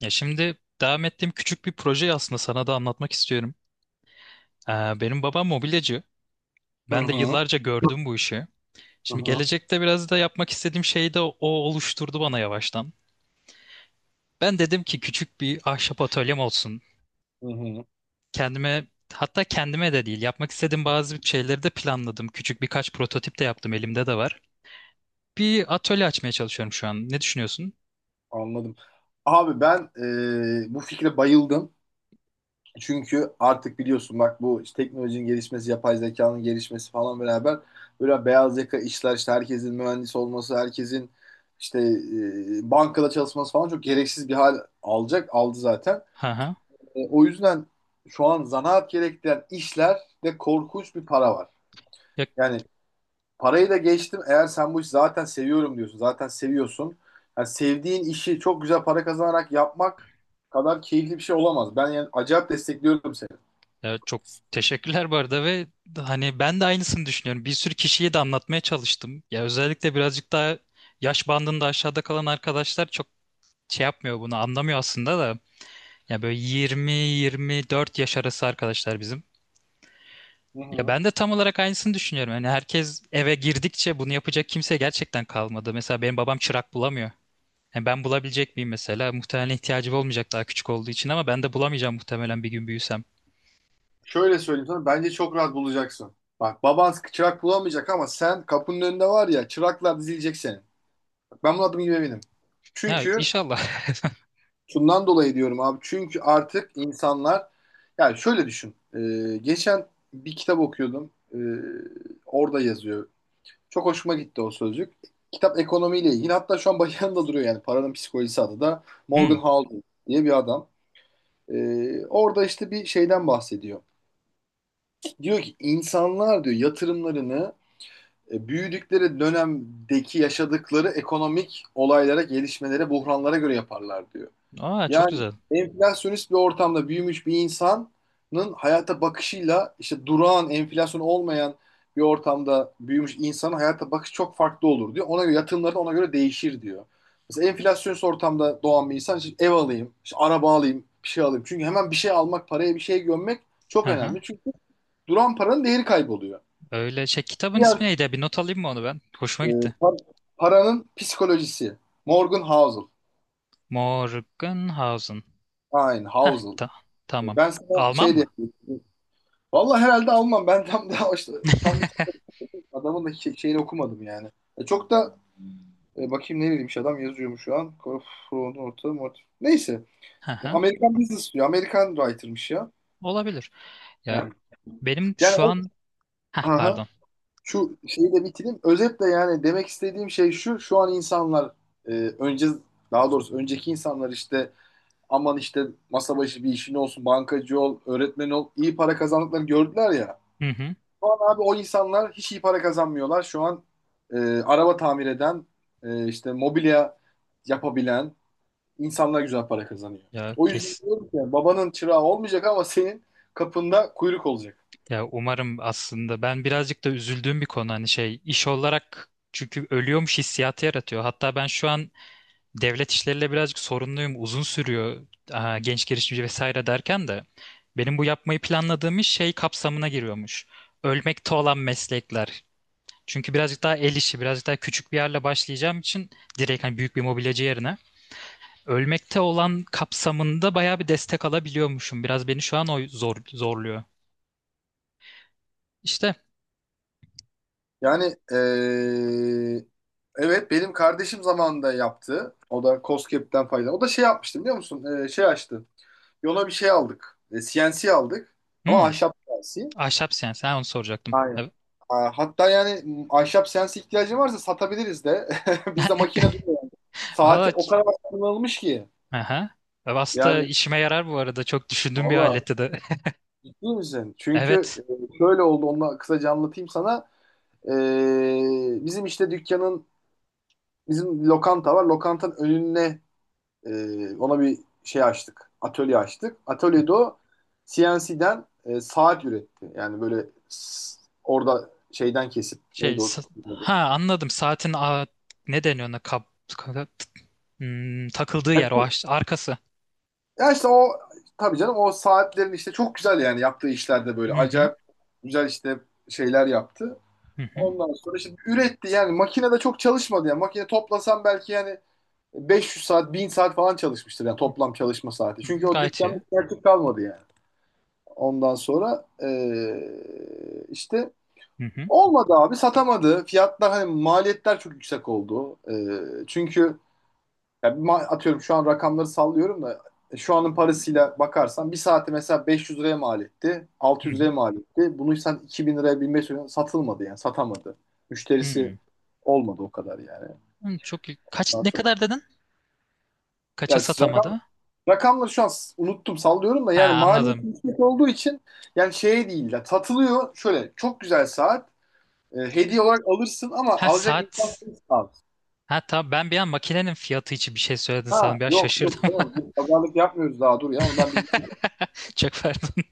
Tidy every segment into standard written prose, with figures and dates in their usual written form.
Ya şimdi devam ettiğim küçük bir projeyi aslında sana da anlatmak istiyorum. Ee, Benim babam mobilyacı. Hı Ben de hı. yıllarca gördüm bu işi. Hı Şimdi hı. gelecekte biraz da yapmak istediğim şeyi de o oluşturdu bana yavaştan. Ben dedim ki küçük bir ahşap atölyem olsun. Hı hı. Kendime, hatta kendime de değil, yapmak istediğim bazı şeyleri de planladım. Küçük birkaç prototip de yaptım, elimde de var. Bir atölye açmaya çalışıyorum şu an. Ne düşünüyorsun? Anladım. Abi ben bu fikre bayıldım. Çünkü artık biliyorsun bak, bu işte teknolojinin gelişmesi, yapay zekanın gelişmesi falan beraber böyle beyaz yaka işler işte herkesin mühendis olması, herkesin işte bankada çalışması falan çok gereksiz bir hal alacak, aldı zaten. Hı hı. O yüzden şu an zanaat gerektiren işlerde korkunç bir para var. Ya, Yani parayı da geçtim. Eğer sen bu işi zaten seviyorum diyorsun, zaten seviyorsun. Yani sevdiğin işi çok güzel para kazanarak yapmak kadar keyifli bir şey olamaz. Ben yani acayip destekliyorum seni. ya çok teşekkürler bu arada, ve hani ben de aynısını düşünüyorum. Bir sürü kişiye de anlatmaya çalıştım. Ya özellikle birazcık daha yaş bandında aşağıda kalan arkadaşlar çok şey yapmıyor, bunu anlamıyor aslında da. Ya böyle 20-24 yaş arası arkadaşlar bizim. Hı Ya hı. ben de tam olarak aynısını düşünüyorum. Yani herkes eve girdikçe bunu yapacak kimse gerçekten kalmadı. Mesela benim babam çırak bulamıyor. Yani ben bulabilecek miyim mesela? Muhtemelen ihtiyacım olmayacak daha küçük olduğu için, ama ben de bulamayacağım muhtemelen bir gün büyüsem. Şöyle söyleyeyim sana, bence çok rahat bulacaksın. Bak, baban çırak bulamayacak ama sen kapının önünde var ya, çıraklar dizilecek senin. Bak, ben bunun adım gibi eminim. Ya Çünkü inşallah. şundan dolayı diyorum abi. Çünkü artık insanlar, yani şöyle düşün. Geçen bir kitap okuyordum. Orada yazıyor. Çok hoşuma gitti o sözcük. Kitap ekonomiyle ilgili. Hatta şu an başında duruyor yani. Paranın Psikolojisi adı da, Hmm. Morgan Housel diye bir adam. Orada işte bir şeyden bahsediyor. Diyor ki insanlar diyor, yatırımlarını büyüdükleri dönemdeki yaşadıkları ekonomik olaylara, gelişmelere, buhranlara göre yaparlar diyor. Aa, çok Yani güzel. enflasyonist bir ortamda büyümüş bir insanın hayata bakışıyla işte durağan, enflasyon olmayan bir ortamda büyümüş insanın hayata bakışı çok farklı olur diyor. Ona göre yatırımları da ona göre değişir diyor. Mesela enflasyonist ortamda doğan bir insan işte ev alayım, işte araba alayım, bir şey alayım. Çünkü hemen bir şey almak, paraya bir şey gömmek çok Hı hı. önemli. Çünkü duran paranın değeri kayboluyor. Öyle şey, kitabın ismi Diğer neydi? Bir not alayım mı onu ben? Hoşuma Ee, gitti. par- Paranın psikolojisi. Morgan Housel. Morgenhausen. Aynen, Heh Housel. ta tamam. Ben sana Alman şey diye. mı? Vallahi herhalde almam. Ben tam daha işte, tam bir adamın da şeyini okumadım yani. Çok da bakayım, ne bileyim, adam yazıyormuş şu an. Korfron orta mort. Neyse. Hı hı. Amerikan business diyor. Amerikan writer'mış ya. Olabilir. Ya Yani Benim yani şu o an Heh, aha, pardon. şu şeyi de bitireyim. Özetle yani demek istediğim şey şu. Şu an insanlar e, önce, daha doğrusu önceki insanlar işte aman işte masa başı bir işin olsun, bankacı ol, öğretmen ol, iyi para kazandıkları gördüler ya. Hı hı. Şu an abi o insanlar hiç iyi para kazanmıyorlar. Şu an e, araba tamir eden, işte mobilya yapabilen insanlar güzel para kazanıyor. Ya O yüzden kes diyorum ki, babanın çırağı olmayacak ama senin kapında kuyruk olacak. ya umarım. Aslında ben birazcık da üzüldüğüm bir konu, hani şey iş olarak, çünkü ölüyormuş hissiyatı yaratıyor. Hatta ben şu an devlet işleriyle birazcık sorunluyum. Uzun sürüyor. Genç girişimci vesaire derken de benim bu yapmayı planladığım iş şey kapsamına giriyormuş. Ölmekte olan meslekler. Çünkü birazcık daha el işi, birazcık daha küçük bir yerle başlayacağım için, direkt hani büyük bir mobilyacı yerine. Ölmekte olan kapsamında bayağı bir destek alabiliyormuşum. Biraz beni şu an o zorluyor. İşte. Yani e, evet, benim kardeşim zamanında yaptı. O da COSGAP'ten fayda. O da şey yapmıştı biliyor musun? Şey açtı. Yola bir şey aldık. CNC aldık. Ama hmm, ahşap CNC. Ahşap, sen onu soracaktım. Aynen. Evet. Ha, hatta yani ahşap CNC ihtiyacın varsa satabiliriz de. Bizde Ne- ka- makine duruyor. Valla Saati o kadar kullanılmış ki. aha. Aslında Yani işime yarar bu arada. Çok düşündüğüm bir valla, aletti de. ciddi misin? Çünkü Evet. Şöyle oldu. Onu da kısaca anlatayım sana. Bizim işte bizim lokanta var. Lokantanın önüne, ona bir şey açtık. Atölye açtık. Atölyede o CNC'den saat üretti. Yani böyle orada şeyden kesip neydi o? Ha, anladım. Saatin ne deniyor ona, takıldığı yer o arkası. Ya işte o, tabii canım, o saatlerin işte çok güzel yani, yaptığı işlerde Hı böyle hı. acayip güzel işte şeyler yaptı. Hı hı. Ondan sonra işte üretti yani, makinede çok çalışmadı yani, makine toplasam belki yani 500 saat, 1000 saat falan çalışmıştır yani toplam çalışma saati. Hı hı. Çünkü o Gayet dükkanda iyi. artık kalmadı yani. Ondan sonra işte Hı hı. olmadı abi, satamadı. Fiyatlar, hani maliyetler çok yüksek oldu. Çünkü ya bir atıyorum, şu an rakamları sallıyorum da şu anın parasıyla bakarsan bir saati mesela 500 liraya mal etti. Hı 600 liraya hı. mal etti. Bunu sen 2000 liraya, 1500 liraya satılmadı yani, satamadı. Hı. Müşterisi Hı. olmadı o kadar yani. Hmm. Çok iyi. Ondan Ne sonra- kadar dedin? Kaça Ya siz satamadı? rakamları şu an unuttum, sallıyorum da, yani Ha, maliyet anladım. yüksek olduğu için yani şey değil ya, satılıyor şöyle çok güzel saat. Hediye olarak alırsın ama Ha, alacak saat. insan sensin abi. Ha, tamam, ben bir an makinenin fiyatı için bir şey söyledin Ha, sandım. Biraz yok yok, şaşırdım. tamam. Biz pazarlık yapmıyoruz daha, dur ya, onu ben bilmiyorum. Çok pardon.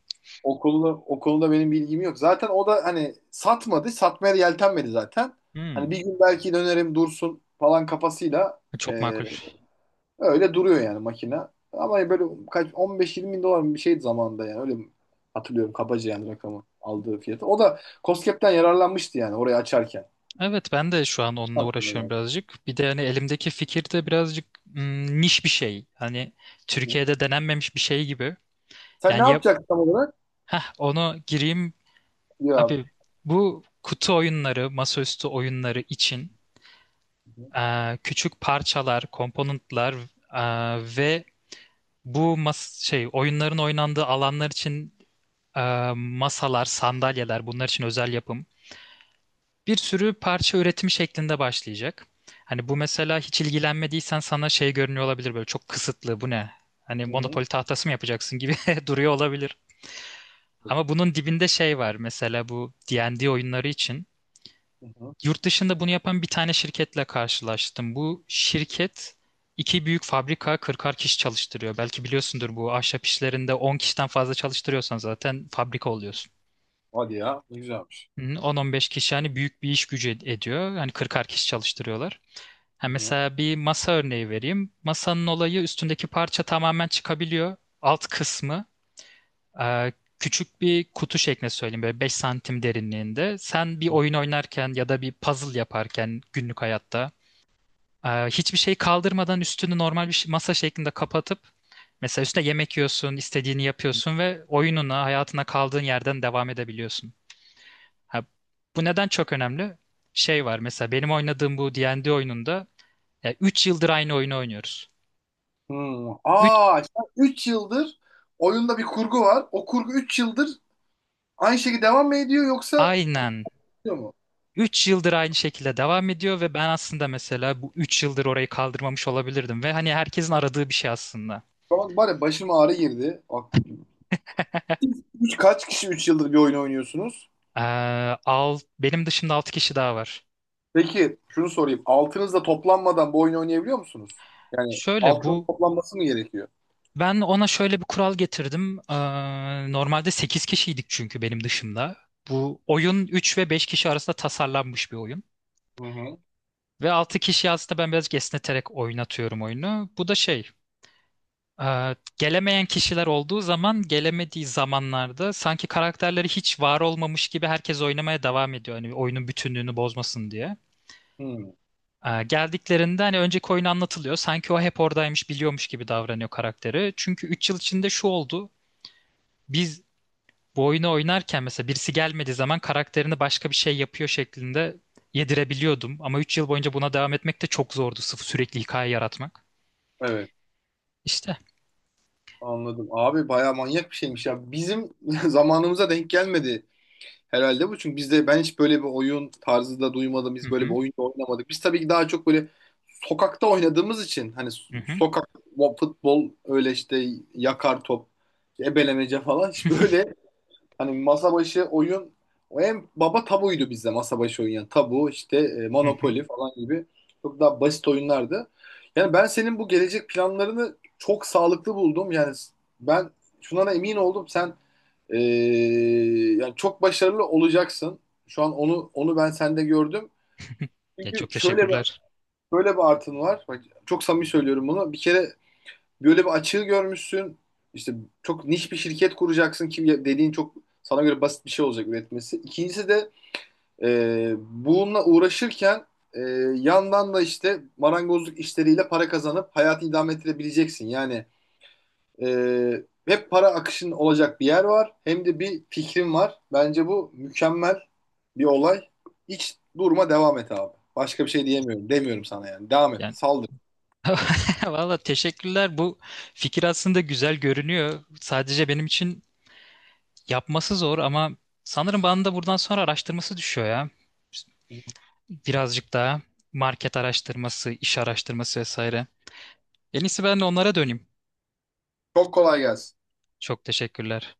O konuda, benim bilgim yok. Zaten o da hani satmadı. Satmaya da yeltenmedi zaten. Hani Hmm, bir gün belki dönerim, dursun falan kafasıyla çok e, makul. öyle duruyor yani makine. Ama böyle kaç, 15-20 bin dolar mı bir şeydi zamanında yani, öyle hatırlıyorum kabaca yani rakamı, aldığı fiyatı. O da COSGAP'ten yararlanmıştı yani orayı açarken. Evet, ben de şu an onunla Aslında uğraşıyorum yani. birazcık. Bir de hani elimdeki fikir de birazcık niş bir şey. Hani Hı hı. Türkiye'de denenmemiş bir şey gibi. Sen ne Yani yapacaksın tam olarak? Onu gireyim. Ya abi. Abi, bu kutu oyunları, masaüstü oyunları için, küçük parçalar, komponentler, ve bu mas şey oyunların oynandığı alanlar için, e, masalar, sandalyeler, bunlar için özel yapım. Bir sürü parça üretimi şeklinde başlayacak. Hani bu mesela hiç ilgilenmediysen sana şey görünüyor olabilir, böyle çok kısıtlı, bu ne? Hani Hı hı. Monopoly tahtası mı yapacaksın gibi duruyor olabilir. Ama bunun dibinde şey var, mesela bu D&D oyunları için. Hı hı. Yurt dışında bunu yapan bir tane şirketle karşılaştım. Bu şirket iki büyük fabrika, 40'ar kişi çalıştırıyor. Belki biliyorsundur, bu ahşap işlerinde 10 kişiden fazla çalıştırıyorsan zaten fabrika oluyorsun. Hadi ya, ne güzelmiş. Hı, 10-15 kişi hani büyük bir iş gücü ediyor. Hani 40'ar kişi çalıştırıyorlar. Ha, Hı hı. mesela bir masa örneği vereyim. Masanın olayı, üstündeki parça tamamen çıkabiliyor. Alt kısmı e, küçük bir kutu şeklinde söyleyeyim, böyle 5 santim derinliğinde. Sen bir oyun oynarken ya da bir puzzle yaparken günlük hayatta hiçbir şey kaldırmadan üstünü normal masa şeklinde kapatıp mesela üstüne yemek yiyorsun, istediğini yapıyorsun ve oyununa, hayatına kaldığın yerden devam edebiliyorsun. Ha, bu neden çok önemli? Şey var, mesela benim oynadığım bu D&D oyununda 3 yıldır aynı oyunu oynuyoruz. Hmm. 3. Aa, sen yıldır oyunda bir kurgu var. O kurgu 3 yıldır aynı şekilde devam mı ediyor, yoksa Aynen, kurtuluyor mu? 3 yıldır aynı şekilde devam ediyor ve ben aslında mesela bu 3 yıldır orayı kaldırmamış olabilirdim ve hani herkesin aradığı bir şey aslında. Bak, bari başıma ağrı girdi. Bak, siz kaç kişi 3 yıldır bir oyun oynuyorsunuz? Ee, Benim dışımda 6 kişi daha var. Peki şunu sorayım. Altınızla toplanmadan bu oyunu oynayabiliyor musunuz? Yani Şöyle altının bu toplanması mı gerekiyor? Ben ona şöyle bir kural getirdim. Normalde 8 kişiydik, çünkü benim dışımda. Bu oyun 3 ve 5 kişi arasında tasarlanmış bir oyun. Hı hı. Ve 6 kişi, aslında ben birazcık esneterek oynatıyorum oyunu. Bu da gelemeyen kişiler olduğu zaman, gelemediği zamanlarda sanki karakterleri hiç var olmamış gibi herkes oynamaya devam ediyor. Hani oyunun bütünlüğünü bozmasın diye. Hmm, Geldiklerinde hani önceki oyun anlatılıyor. Sanki o hep oradaymış, biliyormuş gibi davranıyor karakteri. Çünkü 3 yıl içinde şu oldu. Biz bu oyunu oynarken mesela birisi gelmediği zaman karakterini başka bir şey yapıyor şeklinde yedirebiliyordum. Ama 3 yıl boyunca buna devam etmek de çok zordu. Sıfır sürekli hikaye yaratmak. evet. İşte. Anladım. Abi bayağı manyak bir şeymiş ya. Bizim zamanımıza denk gelmedi herhalde bu. Çünkü bizde ben hiç böyle bir oyun tarzı da duymadım. Hı Biz böyle bir hı. oyun da oynamadık. Biz tabii ki daha çok böyle sokakta oynadığımız için, hani Hı hı. sokak, o futbol, öyle işte yakar top, ebelemece falan, hiç böyle hani masa başı oyun, o en baba tabuydu bizde, masa başı oyun yani, tabu işte, Hı hı. Monopoly falan gibi çok daha basit oyunlardı. Yani ben senin bu gelecek planlarını çok sağlıklı buldum. Yani ben şuna da emin oldum. Sen ee, yani çok başarılı olacaksın. Şu an onu ben sende gördüm. Ya, Çünkü çok şöyle bir teşekkürler. şöyle bir artın var. Bak, çok samimi söylüyorum bunu. Bir kere böyle bir açığı görmüşsün. İşte çok niş bir şirket kuracaksın ki, dediğin çok sana göre basit bir şey olacak üretmesi. İkincisi de bununla uğraşırken e, yandan da işte marangozluk işleriyle para kazanıp hayatı idame ettirebileceksin. Yani hep para akışının olacak bir yer var. Hem de bir fikrim var. Bence bu mükemmel bir olay. Hiç durma, devam et abi. Başka bir şey diyemiyorum. Demiyorum sana yani. Devam et, Yani saldır. valla teşekkürler. Bu fikir aslında güzel görünüyor. Sadece benim için yapması zor, ama sanırım bana da buradan sonra araştırması düşüyor ya. Birazcık daha market araştırması, iş araştırması vesaire. En iyisi ben de onlara döneyim. Çok kolay gelsin. Çok teşekkürler.